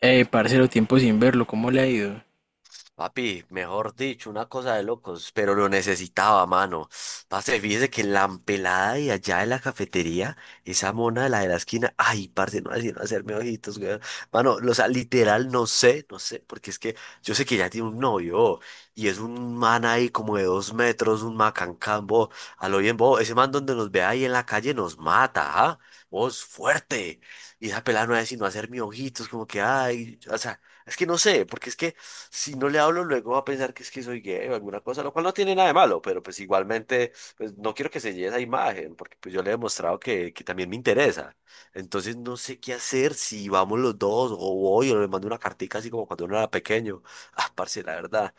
Parcero, tiempo sin verlo, ¿cómo le ha ido? Papi, mejor dicho, una cosa de locos, pero lo necesitaba, mano. Parce, fíjese que la empelada de allá de la cafetería, esa mona de la esquina, ay, parce, no así no hacerme ojitos, güey. Mano, o sea, literal, no sé, porque es que yo sé que ya tiene un novio y es un man ahí como de dos metros, un macancambo, a lo bien, vos, ese man donde nos ve ahí en la calle nos mata, ¿ah? Vos, fuerte. Y esa pelada no es sino hacerme ojitos, como que, ay, o sea, es que no sé, porque es que si no le hablo luego va a pensar que es que soy gay o alguna cosa, lo cual no tiene nada de malo, pero pues igualmente pues, no quiero que se lleve esa imagen, porque pues yo le he demostrado que también me interesa. Entonces no sé qué hacer, si vamos los dos o voy o le mando una cartica así como cuando uno era pequeño. Ah, parce, la verdad,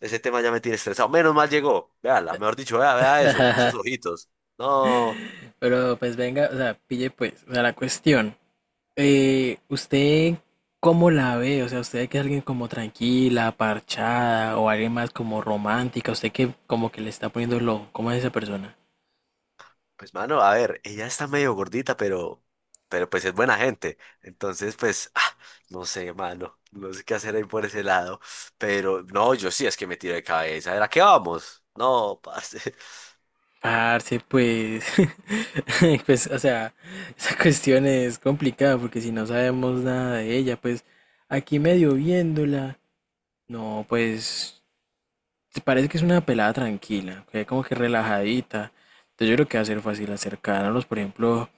ese tema ya me tiene estresado. Menos mal llegó, véala, mejor dicho, vea, eso, esos ojitos. No. Pero pues venga, o sea, pille pues, o sea, la cuestión. ¿Usted cómo la ve? O sea, ¿usted que es alguien como tranquila, parchada, o alguien más como romántica? ¿Usted que como que le está poniendo lo, ¿cómo es esa persona? Pues mano, a ver, ella está medio gordita, pero pues es buena gente. Entonces, pues, no sé, mano, no sé qué hacer ahí por ese lado. Pero no, yo sí es que me tiro de cabeza. ¿Era qué vamos? No, parce. Parce, pues, pues, o sea, esa cuestión es complicada porque si no sabemos nada de ella, pues, aquí medio viéndola, no, pues, parece que es una pelada tranquila, que como que relajadita. Entonces yo creo que va a ser fácil acercarnos, por ejemplo,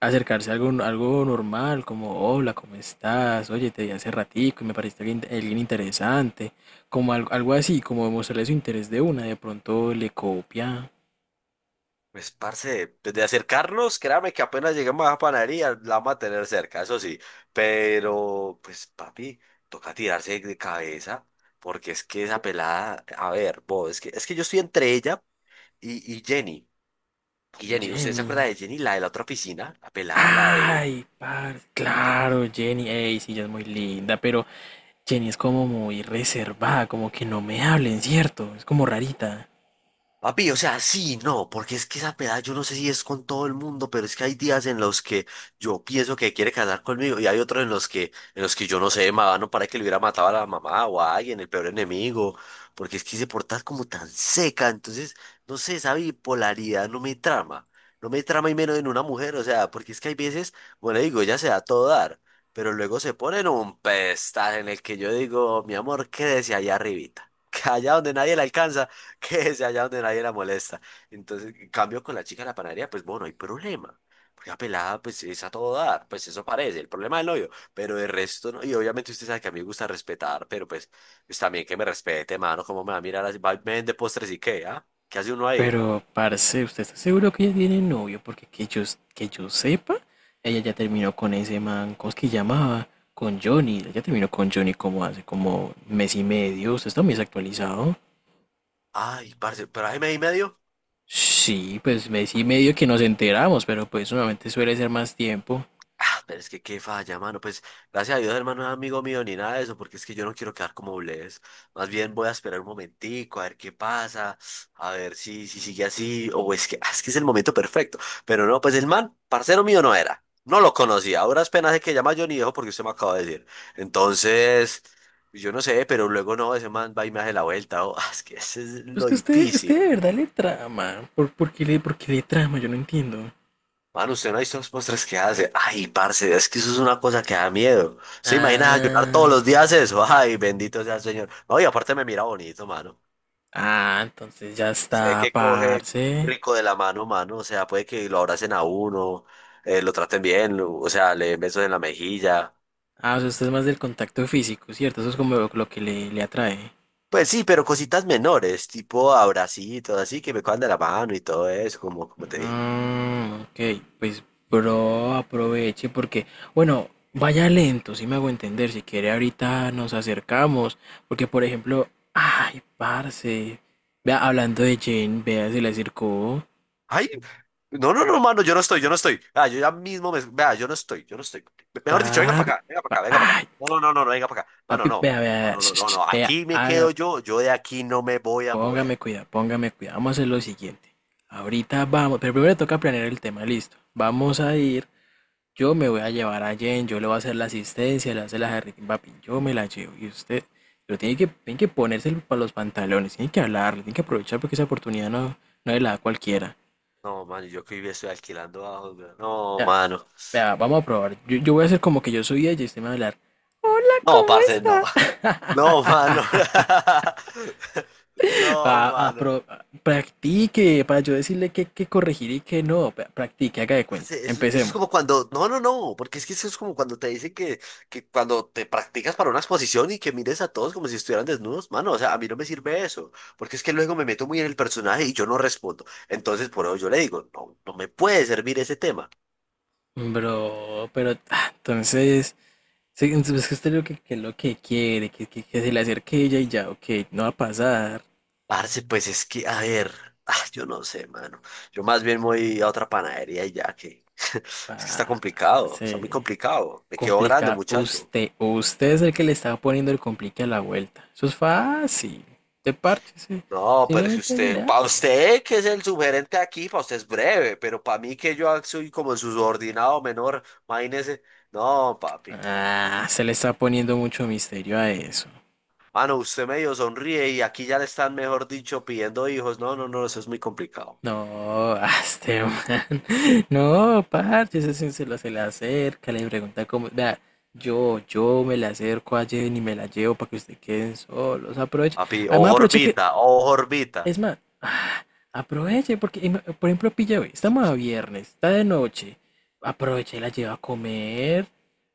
acercarse a algo, normal, como hola, ¿cómo estás? Oye, te vi hace ratico y me pareciste alguien, interesante. Como algo, así, como demostrarle su interés de una. De pronto le copia Pues, parce, desde acercarnos, créame que apenas lleguemos a la panadería, la vamos a tener cerca, eso sí. Pero, pues, papi, toca tirarse de cabeza, porque es que esa pelada, a ver, vos, es que yo estoy entre ella y Jenny. Y Jenny, ¿usted se Jenny. acuerda de Jenny, la de la otra oficina? La pelada, la de. Ay, parce, claro, Jenny, ey, sí, ella es muy linda, pero Jenny es como muy reservada, como que no me hablen, ¿cierto? Es como rarita. Papi, o sea, sí, no, porque es que esa peda, yo no sé si es con todo el mundo, pero es que hay días en los que yo pienso que quiere casar conmigo y hay otros en los que yo no sé, no para que le hubiera matado a la mamá o a alguien, el peor enemigo, porque es que se porta como tan seca, entonces, no sé, esa bipolaridad no me trama, no me trama y menos en una mujer, o sea, porque es que hay veces, bueno, digo, ella se da a todo dar, pero luego se pone en un pedestal en el que yo digo, mi amor, quédese allá arribita, que allá donde nadie la alcanza. Que es allá donde nadie la molesta. Entonces, en cambio con la chica de la panadería, pues bueno, no hay problema. Porque la pelada, pues es a todo dar, pues eso parece, el problema del novio, pero el resto no. Y obviamente usted sabe que a mí me gusta respetar, pero pues, pues también que me respete, mano, cómo me va a mirar así, va, me vende postres y qué, ¿ah? ¿Qué hace uno ahí? Pero, parce, ¿usted está seguro que ella tiene novio? Porque que yo sepa, ella ya terminó con ese man, ¿cómo es que llamaba? Con Johnny. Ella terminó con Johnny como hace como mes y medio. ¿Usted está muy desactualizado? Ay, parce, pero ahí me di medio. Sí, pues mes y medio que nos enteramos, pero pues normalmente suele ser más tiempo. Ah, pero es que qué falla, mano. Pues gracias a Dios, hermano, no es amigo mío ni nada de eso, porque es que yo no quiero quedar como Bless. Más bien voy a esperar un momentico, a ver qué pasa, a ver si sigue así, o es que, ah, es que es el momento perfecto. Pero no, pues el man, parcero mío no era. No lo conocía. Ahora es pena de que llama Johnny Viejo porque usted me acaba de decir. Entonces, yo no sé, pero luego no, ese man va y me hace la vuelta. Es que ese es Pues lo que usted, difícil. de verdad le trama. ¿Por qué le, por qué le trama? Yo no entiendo. Mano, usted no ha visto los postres que hace. Ay, parce, es que eso es una cosa que da miedo. ¿Se imagina ayunar todos Ah, los días eso? Ay, bendito sea el Señor. No, y aparte me mira bonito, mano. Entonces ya Sé está, que coge parce. rico de la mano, mano. O sea, puede que lo abracen a uno, lo traten bien, o sea, le den besos en la mejilla. Ah, o sea, usted es más del contacto físico, ¿cierto? Eso es como lo, que le, atrae. Pues sí, pero cositas menores, tipo abracitos, así que me cojan de la mano y todo eso, como, como te dije. Mm, ok, pues bro, aproveche porque, bueno, vaya lento, si me hago entender, si quiere ahorita nos acercamos, porque por ejemplo, ay, parce, vea, hablando de Jane, vea, se le acercó, Ay, no, no, no, mano, yo no estoy. Ah, yo ya mismo me. Vea, yo no estoy. Mejor dicho, venga papi, para acá, venga para pa- acá, venga para acá. ay, No, no, no, no, no, venga para acá. Mano, papi, no. vea, No, no, sh- no, no, no. vea, Aquí me quedo haga, yo, yo de aquí no me voy a mover. póngame cuidado, vamos a hacer lo siguiente. Ahorita vamos, pero primero toca planear el tema, listo. Vamos a ir Yo me voy a llevar a Jen, yo le voy a hacer la asistencia, le voy a hacer la jarritín, papi, yo me la llevo. Y usted, pero tiene que ponerse para los pantalones, tiene que hablarle, tiene que aprovechar porque esa oportunidad no, no es la da cualquiera. No, mano, yo que vivía estoy alquilando abajo, hombre. No, Vea, mano. Vamos a probar. Yo, voy a hacer como que yo soy ella y usted me va a hablar. No, parce, no. No, mano. No, Pa- a mano. pro- practique, para yo decirle que, corregir y que no. Practique, haga de cuenta. Parce, eso es Empecemos. como cuando, no, no, no, porque es que eso es como cuando te dicen que cuando te practicas para una exposición y que mires a todos como si estuvieran desnudos, mano, o sea, a mí no me sirve eso, porque es que luego me meto muy en el personaje y yo no respondo. Entonces, por eso yo le digo, no, no me puede servir ese tema. Bro, pero ah, entonces. Sí, entonces es que usted lo que, es lo que quiere, que, que se le acerque ella y ya, ok, no va a pasar. Parce, pues es que, a ver, yo no sé, mano, yo más bien voy a otra panadería y ya que, es que está complicado, está Se muy complicado, me quedó grande, complica muchacho. usted. O Usted es el que le está poniendo el complique a la vuelta. Eso es fácil. Te parche, sí. No, pero si Simplemente usted, le para hable. usted que es el subgerente aquí, para usted es breve, pero para mí que yo soy como el subordinado menor, imagínese, no, papi, Ah, se le está poniendo mucho misterio a eso. mano, usted medio sonríe y aquí ya le están, mejor dicho, pidiendo hijos, no, no, no, eso es muy complicado, No, este man. No, parche, ese sí se le acerca, le pregunta cómo. Vea, yo, me le acerco a Jen y me la llevo para que ustedes queden solos. Aproveche. papi, Además, aproveche que. Ojo orbita, Es más, aproveche, porque, por ejemplo, pilla, hoy, estamos a viernes, está de noche. Aproveche y la lleva a comer.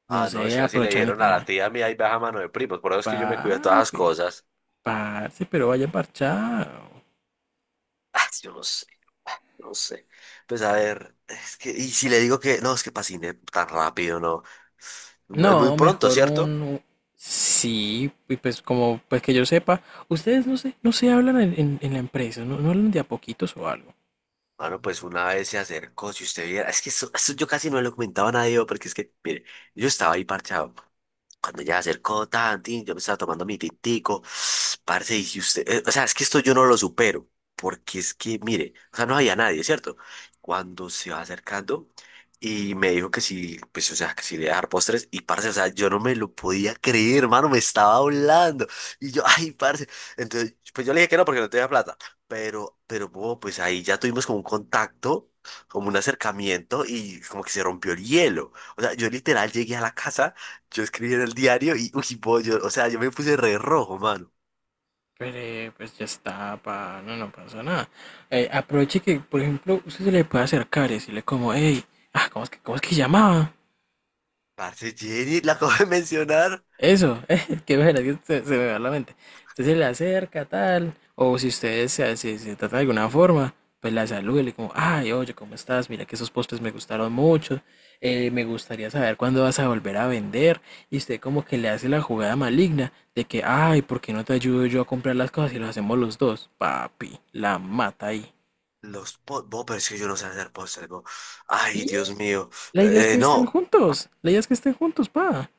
No ah, no, es sé, que así le aprovechan y dijeron a la tiene. tía mía y baja mano de primos, por eso es que yo me cuido de todas las Papi, cosas. parce, pero vaya parchado. Ah, yo no sé, ah, no sé. Pues a ver, es que, y si le digo que, no, es que pasine tan rápido, no. Es muy No, pronto, mejor ¿cierto? un... Sí, y pues como pues que yo sepa, ustedes no se, no se hablan en, en la empresa, no, no hablan de a poquitos o algo. Bueno, pues una vez se acercó, si usted viera, es que eso yo casi no le comentaba a nadie, porque es que, mire, yo estaba ahí parchado. Cuando ya se acercó, tan, tin, yo me estaba tomando mi tintico, parce, y si usted, o sea, es que esto yo no lo supero, porque es que, mire, o sea, no había nadie, ¿cierto? Cuando se va acercando y me dijo que sí, pues, o sea, que sí le iba a dar postres, y parce, o sea, yo no me lo podía creer, hermano, me estaba hablando, y yo, ay, parce, entonces, pues yo le dije que no, porque no tenía plata, bo, pues ahí ya tuvimos como un contacto, como un acercamiento, y como que se rompió el hielo, o sea, yo literal llegué a la casa, yo escribí en el diario y, uy, pollo, o sea, yo me puse re rojo, mano. Pero pues ya está, pa, no, no pasa nada. Aproveche que, por ejemplo, usted se le puede acercar y decirle como, hey, cómo es que llamaba? Parce, Jenny, la acabo de mencionar. Eso, qué bueno, que se, me va la mente. Usted se le acerca, tal, o si ustedes se, se trata de alguna forma, pues la saluda y le como, ay, oye, ¿cómo estás? Mira que esos postres me gustaron mucho, me gustaría saber cuándo vas a volver a vender. Y usted como que le hace la jugada maligna de que, ay, ¿por qué no te ayudo yo a comprar las cosas y lo hacemos los dos? Papi, la mata ahí. Los postres, pero es que yo no sé hacer postres, bo. Ay, Y Dios mío. la idea es que estén No, juntos, la idea es que estén juntos, pa.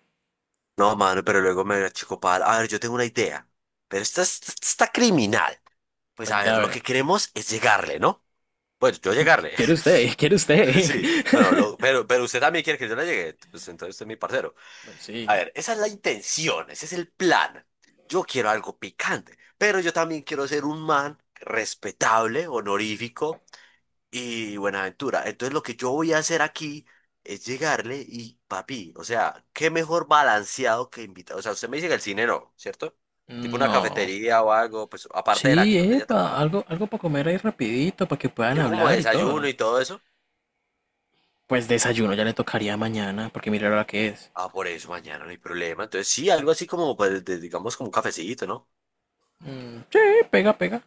no, mano, pero luego me achicopal. A ver, yo tengo una idea, pero esta está criminal. Pues a Cuenta, ver, a lo ver, que queremos es llegarle, ¿no? Bueno, yo llegarle, ¿quiere usted? ¿Quiere usted? sí. Bueno, pero, usted también quiere que yo le llegue, pues entonces usted es mi parcero. Bueno, A sí. ver, esa es la intención, ese es el plan. Yo quiero algo picante, pero yo también quiero ser un man respetable, honorífico y buena aventura. Entonces lo que yo voy a hacer aquí es llegarle y papi, o sea, qué mejor balanceado que invitado. O sea, usted me dice que el cine no, ¿cierto? Tipo una No. cafetería o algo, pues aparte de la que Sí, donde ella epa, trabaja. algo, para comer ahí rapidito, para que puedan Yo como hablar y desayuno todo. y todo eso. Pues desayuno ya le tocaría mañana, porque mira la hora que es. Ah, por eso mañana no hay problema. Entonces sí, algo así como, pues, digamos, como un cafecito, ¿no? Mm, sí, pega, pega.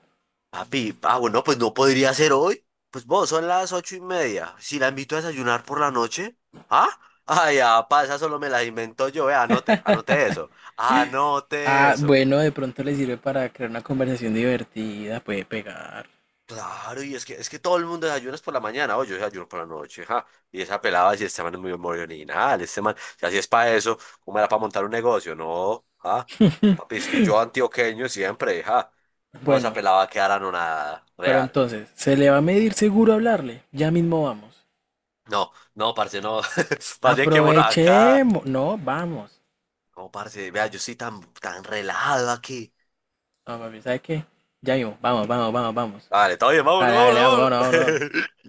Papi, ah, bueno, pues no podría ser hoy. Pues vos, son las 8 y media. Si la invito a desayunar por la noche, ¿ah? Ay, ah, pa, esa solo me la invento yo, anote, anote Ah, eso. bueno, de pronto le sirve para crear una conversación divertida, puede pegar. Claro, y es que todo el mundo desayuna es por la mañana, oye, yo desayuno por la noche, ja. Y esa pelada, si este man es muy original, este man, si así es para eso, ¿cómo era para montar un negocio? No, ah, papi, es que yo antioqueño siempre, ja. No, esa Bueno, pelada va a quedar anonadada, pero real. entonces, ¿se le va a medir seguro hablarle? Ya mismo vamos. No, no, parce, no. Más bien que uno acá. Aprovechemos. No, vamos. No, parce, vea, yo estoy tan relajado aquí. No, papi, ¿sabe qué? Ya mismo, vamos, vamos, vamos, vamos. Vale, todo bien, Dale, vamos, vamos, vamos, vámonos.